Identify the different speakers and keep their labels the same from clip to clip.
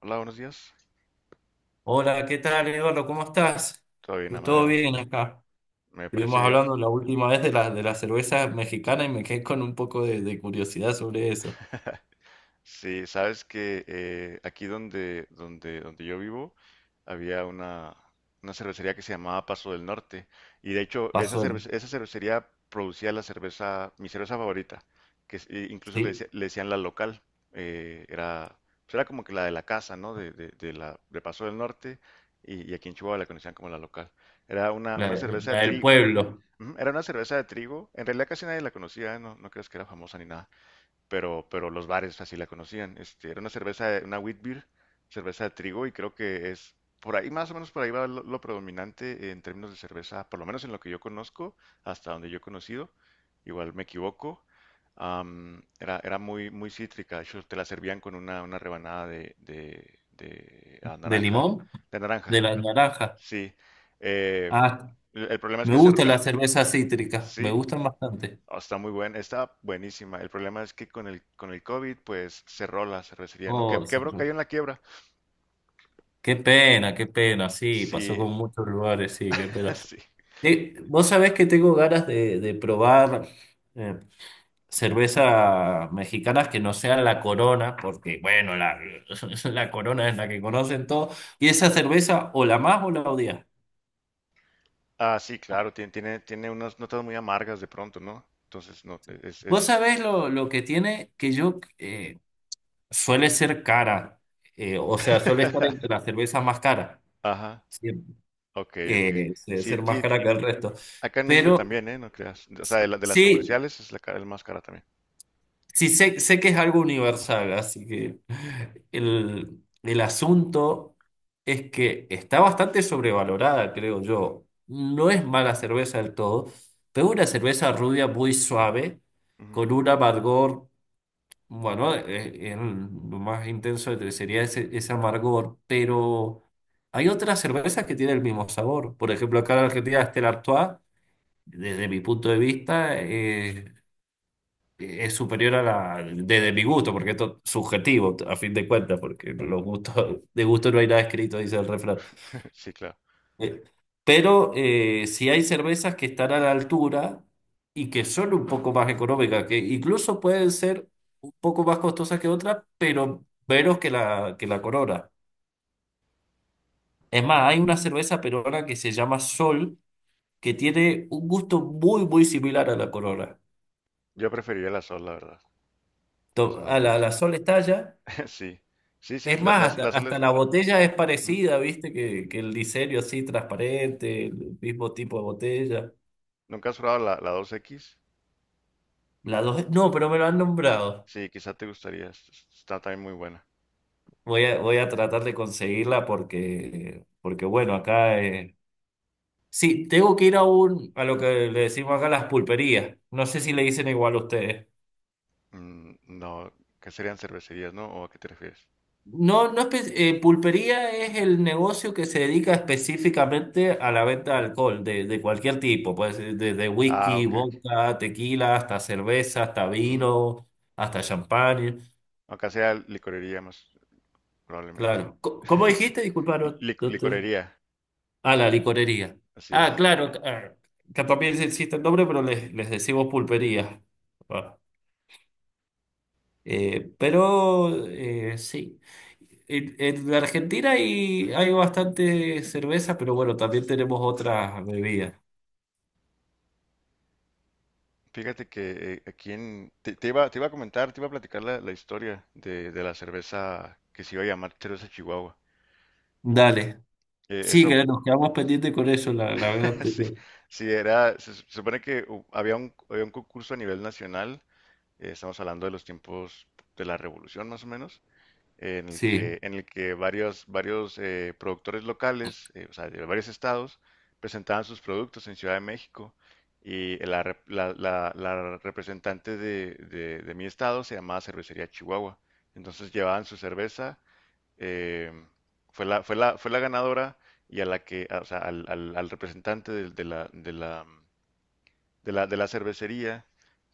Speaker 1: Hola, buenos días.
Speaker 2: Hola, ¿qué tal, Eduardo? ¿Cómo estás?
Speaker 1: Todo bien,
Speaker 2: Yo todo
Speaker 1: Amadeo.
Speaker 2: bien acá.
Speaker 1: Me parece
Speaker 2: Estuvimos
Speaker 1: bien.
Speaker 2: hablando la última vez de la cerveza mexicana y me quedé con un poco de curiosidad sobre eso.
Speaker 1: Sí, sabes que aquí donde yo vivo había una cervecería que se llamaba Paso del Norte. Y de hecho,
Speaker 2: Pasó,
Speaker 1: esa cervecería producía la cerveza, mi cerveza favorita, e incluso
Speaker 2: ¿sí?
Speaker 1: le decían la local. Eh, era, pues era como que la de la casa, ¿no? De de Paso del Norte. Y aquí en Chihuahua la conocían como la local. Era
Speaker 2: La,
Speaker 1: una cerveza de
Speaker 2: la del
Speaker 1: trigo.
Speaker 2: pueblo.
Speaker 1: Ujú. Era una cerveza de trigo. En realidad casi nadie la conocía, no, no creas que era famosa ni nada. Pero los bares así la conocían. Este, era una cerveza, una wheat beer, cerveza de trigo, y creo que es por ahí, más o menos por ahí va lo predominante en términos de cerveza, por lo menos en lo que yo conozco, hasta donde yo he conocido. Igual me equivoco. Era muy cítrica. De hecho, te la servían con una rebanada de
Speaker 2: ¿De
Speaker 1: naranja.
Speaker 2: limón?
Speaker 1: De
Speaker 2: De
Speaker 1: naranja,
Speaker 2: la naranja.
Speaker 1: sí. Eh,
Speaker 2: Ah,
Speaker 1: el problema es
Speaker 2: me
Speaker 1: que se...
Speaker 2: gusta la cerveza cítrica. Me
Speaker 1: Sí.
Speaker 2: gustan bastante.
Speaker 1: Oh, está muy buena, está buenísima. El problema es que con con el COVID, pues cerró la cervecería, ¿no? Que,
Speaker 2: Oh,
Speaker 1: quebró,
Speaker 2: son-
Speaker 1: cayó en la quiebra.
Speaker 2: Qué pena, qué pena. Sí, pasó
Speaker 1: Sí,
Speaker 2: con muchos lugares, sí, qué pena.
Speaker 1: sí.
Speaker 2: Vos sabés que tengo ganas de probar eh, cervezas mexicanas que no sean la Corona, porque bueno, la, la Corona es la que conocen todos, y esa cerveza o la más o la odias.
Speaker 1: Ah, sí, claro, tiene unas notas muy amargas de pronto, ¿no? Entonces, no,
Speaker 2: Vos
Speaker 1: es...
Speaker 2: sabés lo que tiene, que yo suele ser cara, o sea, suele estar entre las cervezas más caras,
Speaker 1: Ajá,
Speaker 2: siempre,
Speaker 1: ok, ok. Sí,
Speaker 2: ser más
Speaker 1: sí,
Speaker 2: cara que el resto.
Speaker 1: acá en México
Speaker 2: Pero
Speaker 1: también, ¿eh? No creas. O sea, de las
Speaker 2: sí,
Speaker 1: comerciales es la más cara también.
Speaker 2: sí, sé que es algo universal, así que el asunto es que está bastante sobrevalorada, creo yo. No es mala cerveza del todo, pero es una cerveza rubia muy suave,
Speaker 1: Ujú.
Speaker 2: con un amargor, bueno, lo más intenso sería ese amargor, pero hay otras cervezas que tienen el mismo sabor. Por ejemplo, acá en Argentina, está el Artois, desde mi punto de vista, es superior a la, desde mi gusto, porque esto es subjetivo, a fin de cuentas, porque los gustos, de gusto no hay nada escrito, dice el refrán.
Speaker 1: Sí, claro.
Speaker 2: Eh, si hay cervezas que están a la altura y que son un poco más económicas, que incluso pueden ser un poco más costosas que otras, pero menos que la Corona. Es más, hay una cerveza peruana que se llama Sol, que tiene un gusto muy, muy similar a la Corona.
Speaker 1: Yo preferiría la sol, la verdad,
Speaker 2: A
Speaker 1: personalmente.
Speaker 2: la Sol Estalla.
Speaker 1: Sí, sí, sí,
Speaker 2: Es más,
Speaker 1: la sol
Speaker 2: hasta
Speaker 1: es...
Speaker 2: la botella es
Speaker 1: Ujú.
Speaker 2: parecida, ¿viste? Que el diseño así transparente, el mismo tipo de botella.
Speaker 1: ¿Nunca has probado la dos x?
Speaker 2: La dos, no, pero me lo han nombrado.
Speaker 1: Sí, quizá te gustaría, está también muy buena.
Speaker 2: Voy a tratar de conseguirla porque, porque bueno, acá... sí, tengo que ir a un, a lo que le decimos acá las pulperías. No sé si le dicen igual a ustedes.
Speaker 1: Mm, no, ¿qué serían cervecerías, no? ¿O a qué te refieres?
Speaker 2: No, no espe- Pulpería es el negocio que se dedica específicamente a la venta de alcohol, de cualquier tipo, pues desde
Speaker 1: Ah,
Speaker 2: whisky,
Speaker 1: ok, ok.
Speaker 2: vodka, tequila, hasta cerveza, hasta
Speaker 1: Ujú.
Speaker 2: vino, hasta champán,
Speaker 1: Acá sea licorería más probablemente.
Speaker 2: claro. ¿Cómo
Speaker 1: Sí,
Speaker 2: dijiste? Disculpa, no, no te-
Speaker 1: licorería,
Speaker 2: Ah, la licorería.
Speaker 1: así
Speaker 2: Ah,
Speaker 1: es.
Speaker 2: claro, ah, que también existe el nombre, pero les decimos pulpería. Ah. Sí, en Argentina hay, hay bastante cerveza, pero bueno, también tenemos otras bebidas.
Speaker 1: Fíjate que aquí en... Te iba a comentar, te iba a platicar la historia de la cerveza que se iba a llamar cerveza Chihuahua.
Speaker 2: Dale. Sí,
Speaker 1: Eso...
Speaker 2: que nos quedamos pendientes con eso la, la vez
Speaker 1: Sí,
Speaker 2: anterior.
Speaker 1: sí, era, se supone que había un concurso a nivel nacional, estamos hablando de los tiempos de la revolución más o menos,
Speaker 2: Sí,
Speaker 1: en el que varios productores locales, o sea, de varios estados, presentaban sus productos en Ciudad de México y la representante de mi estado se llamaba Cervecería Chihuahua, entonces llevaban su cerveza eh, fue la ganadora y a la que, o sea, al representante de la cervecería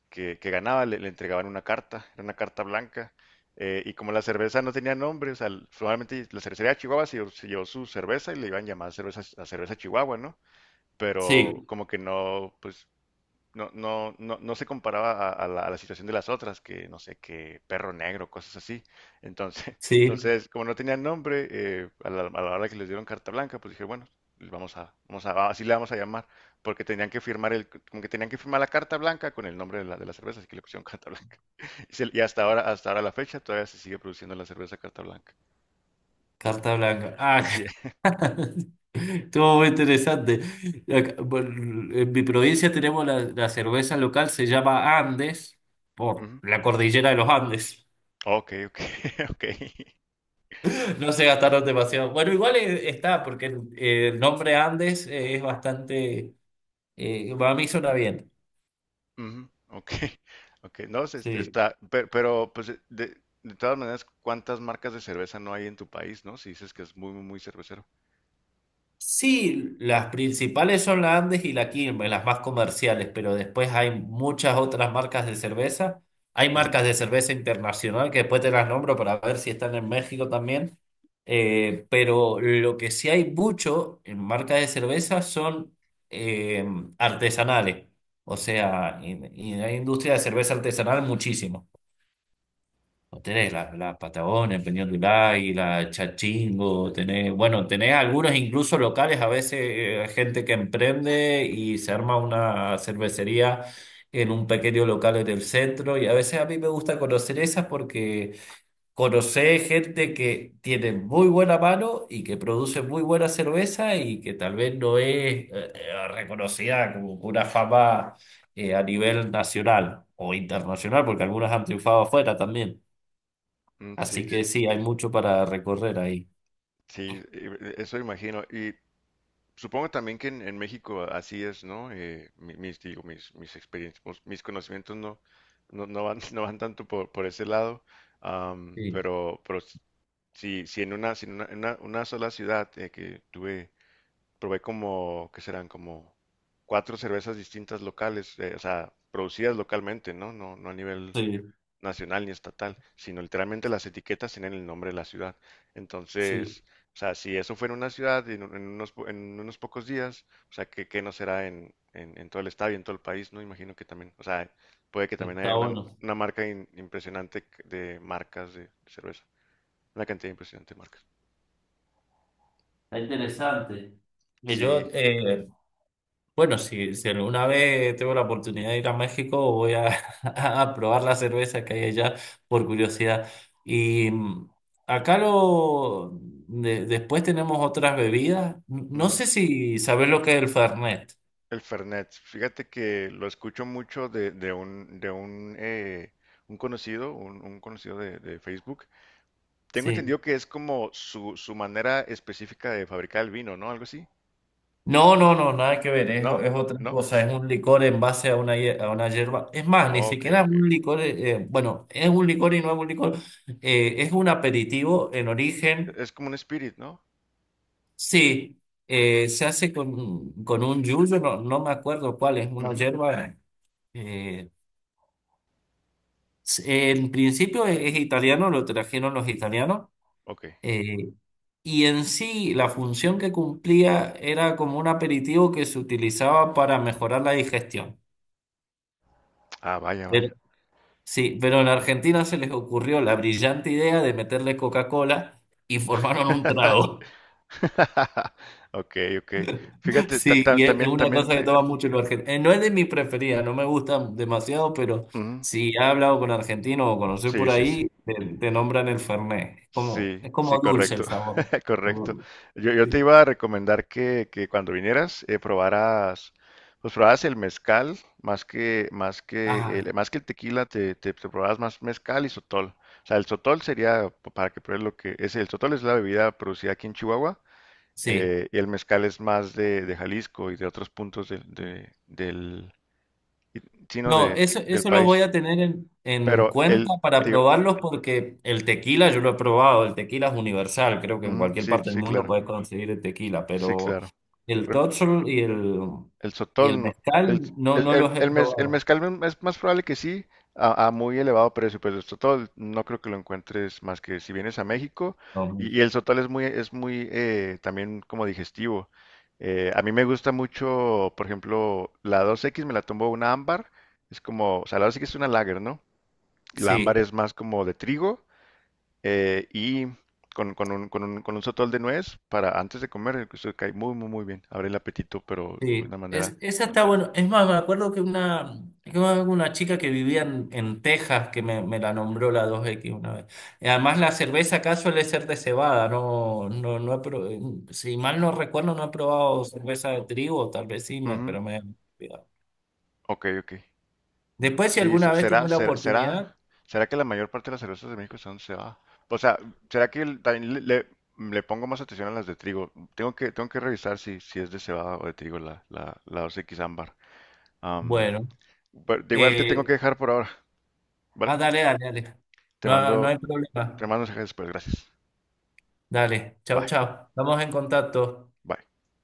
Speaker 1: que ganaba le entregaban una carta, era una carta blanca. Eh, y como la cerveza no tenía nombre, o sea, probablemente la cervecería de Chihuahua se llevó su cerveza y le iban a llamar cerveza, a cerveza Chihuahua, ¿no? Pero
Speaker 2: sí,
Speaker 1: como que no, pues no, no, no, no se comparaba a a la situación de las otras, que no sé, que perro negro, cosas así. Entonces,
Speaker 2: sí,
Speaker 1: entonces como no tenían nombre, a a la hora que les dieron carta blanca, pues dije, bueno, así le vamos a llamar, porque tenían que firmar el, como que tenían que firmar la carta blanca con el nombre de de la cerveza, así que le pusieron carta blanca. Y, hasta ahora la fecha, todavía se sigue produciendo la cerveza carta blanca.
Speaker 2: carta blanca. Ah,
Speaker 1: Así es.
Speaker 2: estuvo muy interesante. Acá, bueno, en mi provincia tenemos la cerveza local, se llama Andes, por
Speaker 1: Ujú.
Speaker 2: la cordillera de los Andes.
Speaker 1: Ok, ok, ok.
Speaker 2: No se gastaron demasiado. Bueno, igual está, porque el nombre Andes es bastante. A mí suena bien.
Speaker 1: Ujú, ok, ok, no,
Speaker 2: Sí.
Speaker 1: pero, pues de todas maneras, ¿cuántas marcas de cerveza no hay en tu país, no? Si dices que es muy cervecero.
Speaker 2: Sí, las principales son la Andes y la Quilmes, las más comerciales, pero después hay muchas otras marcas de cerveza. Hay
Speaker 1: Ujú,
Speaker 2: marcas de cerveza internacional que después te las nombro para ver si están en México también. Pero lo que sí hay mucho en marcas de cerveza son eh, artesanales. O sea, y hay industria de cerveza artesanal muchísimo. O tenés la Patagonia, el Peñón del Águila, Chachingo, tenés, bueno, tenés algunos incluso locales, a veces gente que emprende y se arma una cervecería en un pequeño local en el centro y a veces a mí me gusta conocer esas porque conocés gente que tiene muy buena mano y que produce muy buena cerveza y que tal vez no es reconocida como con una fama a nivel nacional o internacional porque algunas han triunfado afuera también.
Speaker 1: mm, sí,
Speaker 2: Así que sí, hay mucho para recorrer ahí.
Speaker 1: sí, eso imagino. Y supongo también que en México así es, ¿no? Mis experiencias, pues, mis conocimientos no, no van, no van tanto por ese lado, am,
Speaker 2: Sí,
Speaker 1: pero, si, una sola ciudad que tuve probé como, ¿qué serán? Como cuatro cervezas distintas locales, o sea, producidas localmente, ¿no? No, no a nivel
Speaker 2: sí,
Speaker 1: nacional ni estatal, sino literalmente las etiquetas tienen el nombre de la ciudad.
Speaker 2: sí,
Speaker 1: Entonces, o sea, si eso fuera en una ciudad en, en unos pocos días, o sea, ¿qué, qué no será en, en todo el estado y en todo el país, ¿no? Imagino que también, o sea, puede que también
Speaker 2: está
Speaker 1: haya
Speaker 2: bueno,
Speaker 1: una marca impresionante de marcas de cerveza, una cantidad impresionante de marcas.
Speaker 2: está interesante. Y
Speaker 1: Sí,
Speaker 2: yo, eh, bueno, si, si alguna vez tengo la oportunidad de ir a México, voy a, a probar la cerveza que hay allá por curiosidad. Y mm, Acá lo, después tenemos otras bebidas. No sé si sabes lo que es el Fernet.
Speaker 1: el Fernet, fíjate que lo escucho mucho de, un conocido, un conocido de Facebook. Tengo
Speaker 2: Sí.
Speaker 1: entendido que es como su manera específica de fabricar el vino, ¿no? Algo así.
Speaker 2: No, no, no, nada que ver,
Speaker 1: ¿No?
Speaker 2: es otra
Speaker 1: ¿No?
Speaker 2: cosa, es un licor en base a una, a una hierba. Es más, ni
Speaker 1: Oh, ok,
Speaker 2: siquiera es
Speaker 1: ok, ok.
Speaker 2: un licor, bueno, es un licor y no es un licor, es un aperitivo en origen,
Speaker 1: Es como un spirit, ¿no?
Speaker 2: sí, se hace con un yuyo, no, no me acuerdo cuál, es una
Speaker 1: Ujú,
Speaker 2: hierba. eh, s- en principio es italiano, lo trajeron los italianos,
Speaker 1: ok.
Speaker 2: eh, y en sí la función que cumplía era como un aperitivo que se utilizaba para mejorar la digestión.
Speaker 1: Ah, vaya, vaya.
Speaker 2: Sí, pero en Argentina se les ocurrió la brillante idea de meterle Coca-Cola y formaron un trago.
Speaker 1: Ok, ok. Fíjate,
Speaker 2: Sí, y es una
Speaker 1: también
Speaker 2: cosa que
Speaker 1: te...
Speaker 2: toma mucho los argentinos. No es de mi preferida, no me gusta demasiado, pero
Speaker 1: Ujú,
Speaker 2: si he hablado con argentinos o conocí
Speaker 1: sí,
Speaker 2: por
Speaker 1: sí, sí.
Speaker 2: ahí, te nombran el Fernet.
Speaker 1: Sí,
Speaker 2: Es
Speaker 1: sí,
Speaker 2: como dulce
Speaker 1: correcto,
Speaker 2: el sabor. ¿No? Como
Speaker 1: correcto.
Speaker 2: dulce.
Speaker 1: Yo te
Speaker 2: Sí.
Speaker 1: iba a recomendar que cuando vinieras probaras, pues probaras el mezcal
Speaker 2: Ah,
Speaker 1: más que el tequila, te probaras más mezcal y sotol. O sea, el sotol sería p- para que pruebes lo que es el sotol, es la bebida producida aquí en Chihuahua
Speaker 2: sí.
Speaker 1: y el mezcal es más de Jalisco y de otros puntos del sino
Speaker 2: No,
Speaker 1: de
Speaker 2: eso,
Speaker 1: del
Speaker 2: eso lo voy
Speaker 1: país.
Speaker 2: a tener en
Speaker 1: Pero
Speaker 2: cuenta
Speaker 1: el
Speaker 2: para
Speaker 1: tío,
Speaker 2: probarlos porque el tequila yo lo he probado, el tequila es universal, creo que en cualquier
Speaker 1: sí,
Speaker 2: parte del
Speaker 1: sí,
Speaker 2: mundo
Speaker 1: claro,
Speaker 2: puedes conseguir el tequila,
Speaker 1: sí,
Speaker 2: pero
Speaker 1: claro.
Speaker 2: el totxol
Speaker 1: El
Speaker 2: y el
Speaker 1: sotol, no, el,
Speaker 2: mezcal no, no los he
Speaker 1: el
Speaker 2: probado.
Speaker 1: mezcal mm, es más probable que sí, a muy elevado precio, pero el sotol no creo que lo encuentres más que si vienes a México.
Speaker 2: No,
Speaker 1: Y el sotol es muy también como digestivo. A mí me gusta mucho, por ejemplo, la dos x me la tomó una ámbar. Es como, o sea, la dos x es una lager, ¿no? La ámbar
Speaker 2: sí.
Speaker 1: es más como de trigo y con un sotol de nuez para antes de comer, eso cae muy bien. Abre el apetito, pero de
Speaker 2: Sí,
Speaker 1: una manera.
Speaker 2: es, esa está bueno. Es más, me acuerdo que una, que una chica que vivía en Texas que me la nombró la dos x una vez. Y además la cerveza acá suele ser de cebada, no, no, si mal no recuerdo, no he probado cerveza de trigo, tal vez sí, me,
Speaker 1: Ujú.
Speaker 2: pero me he olvidado.
Speaker 1: Ok, ok.
Speaker 2: Después, si
Speaker 1: Sí,
Speaker 2: alguna vez tenés la oportunidad,
Speaker 1: será que la mayor parte de las cervezas de México son se va. O sea, será que también le pongo más atención a las de trigo. Tengo que revisar si, si es de cebada o de trigo la Dos x ámbar. Am,
Speaker 2: bueno.
Speaker 1: pero de igual te tengo que
Speaker 2: Eh,
Speaker 1: dejar por ahora, ¿vale?
Speaker 2: Dale, dale, dale.
Speaker 1: Te
Speaker 2: No, no
Speaker 1: mando,
Speaker 2: hay
Speaker 1: te
Speaker 2: problema.
Speaker 1: mando mensajes después, gracias.
Speaker 2: Dale, chao,
Speaker 1: Bye,
Speaker 2: chao. Estamos en contacto.
Speaker 1: bye.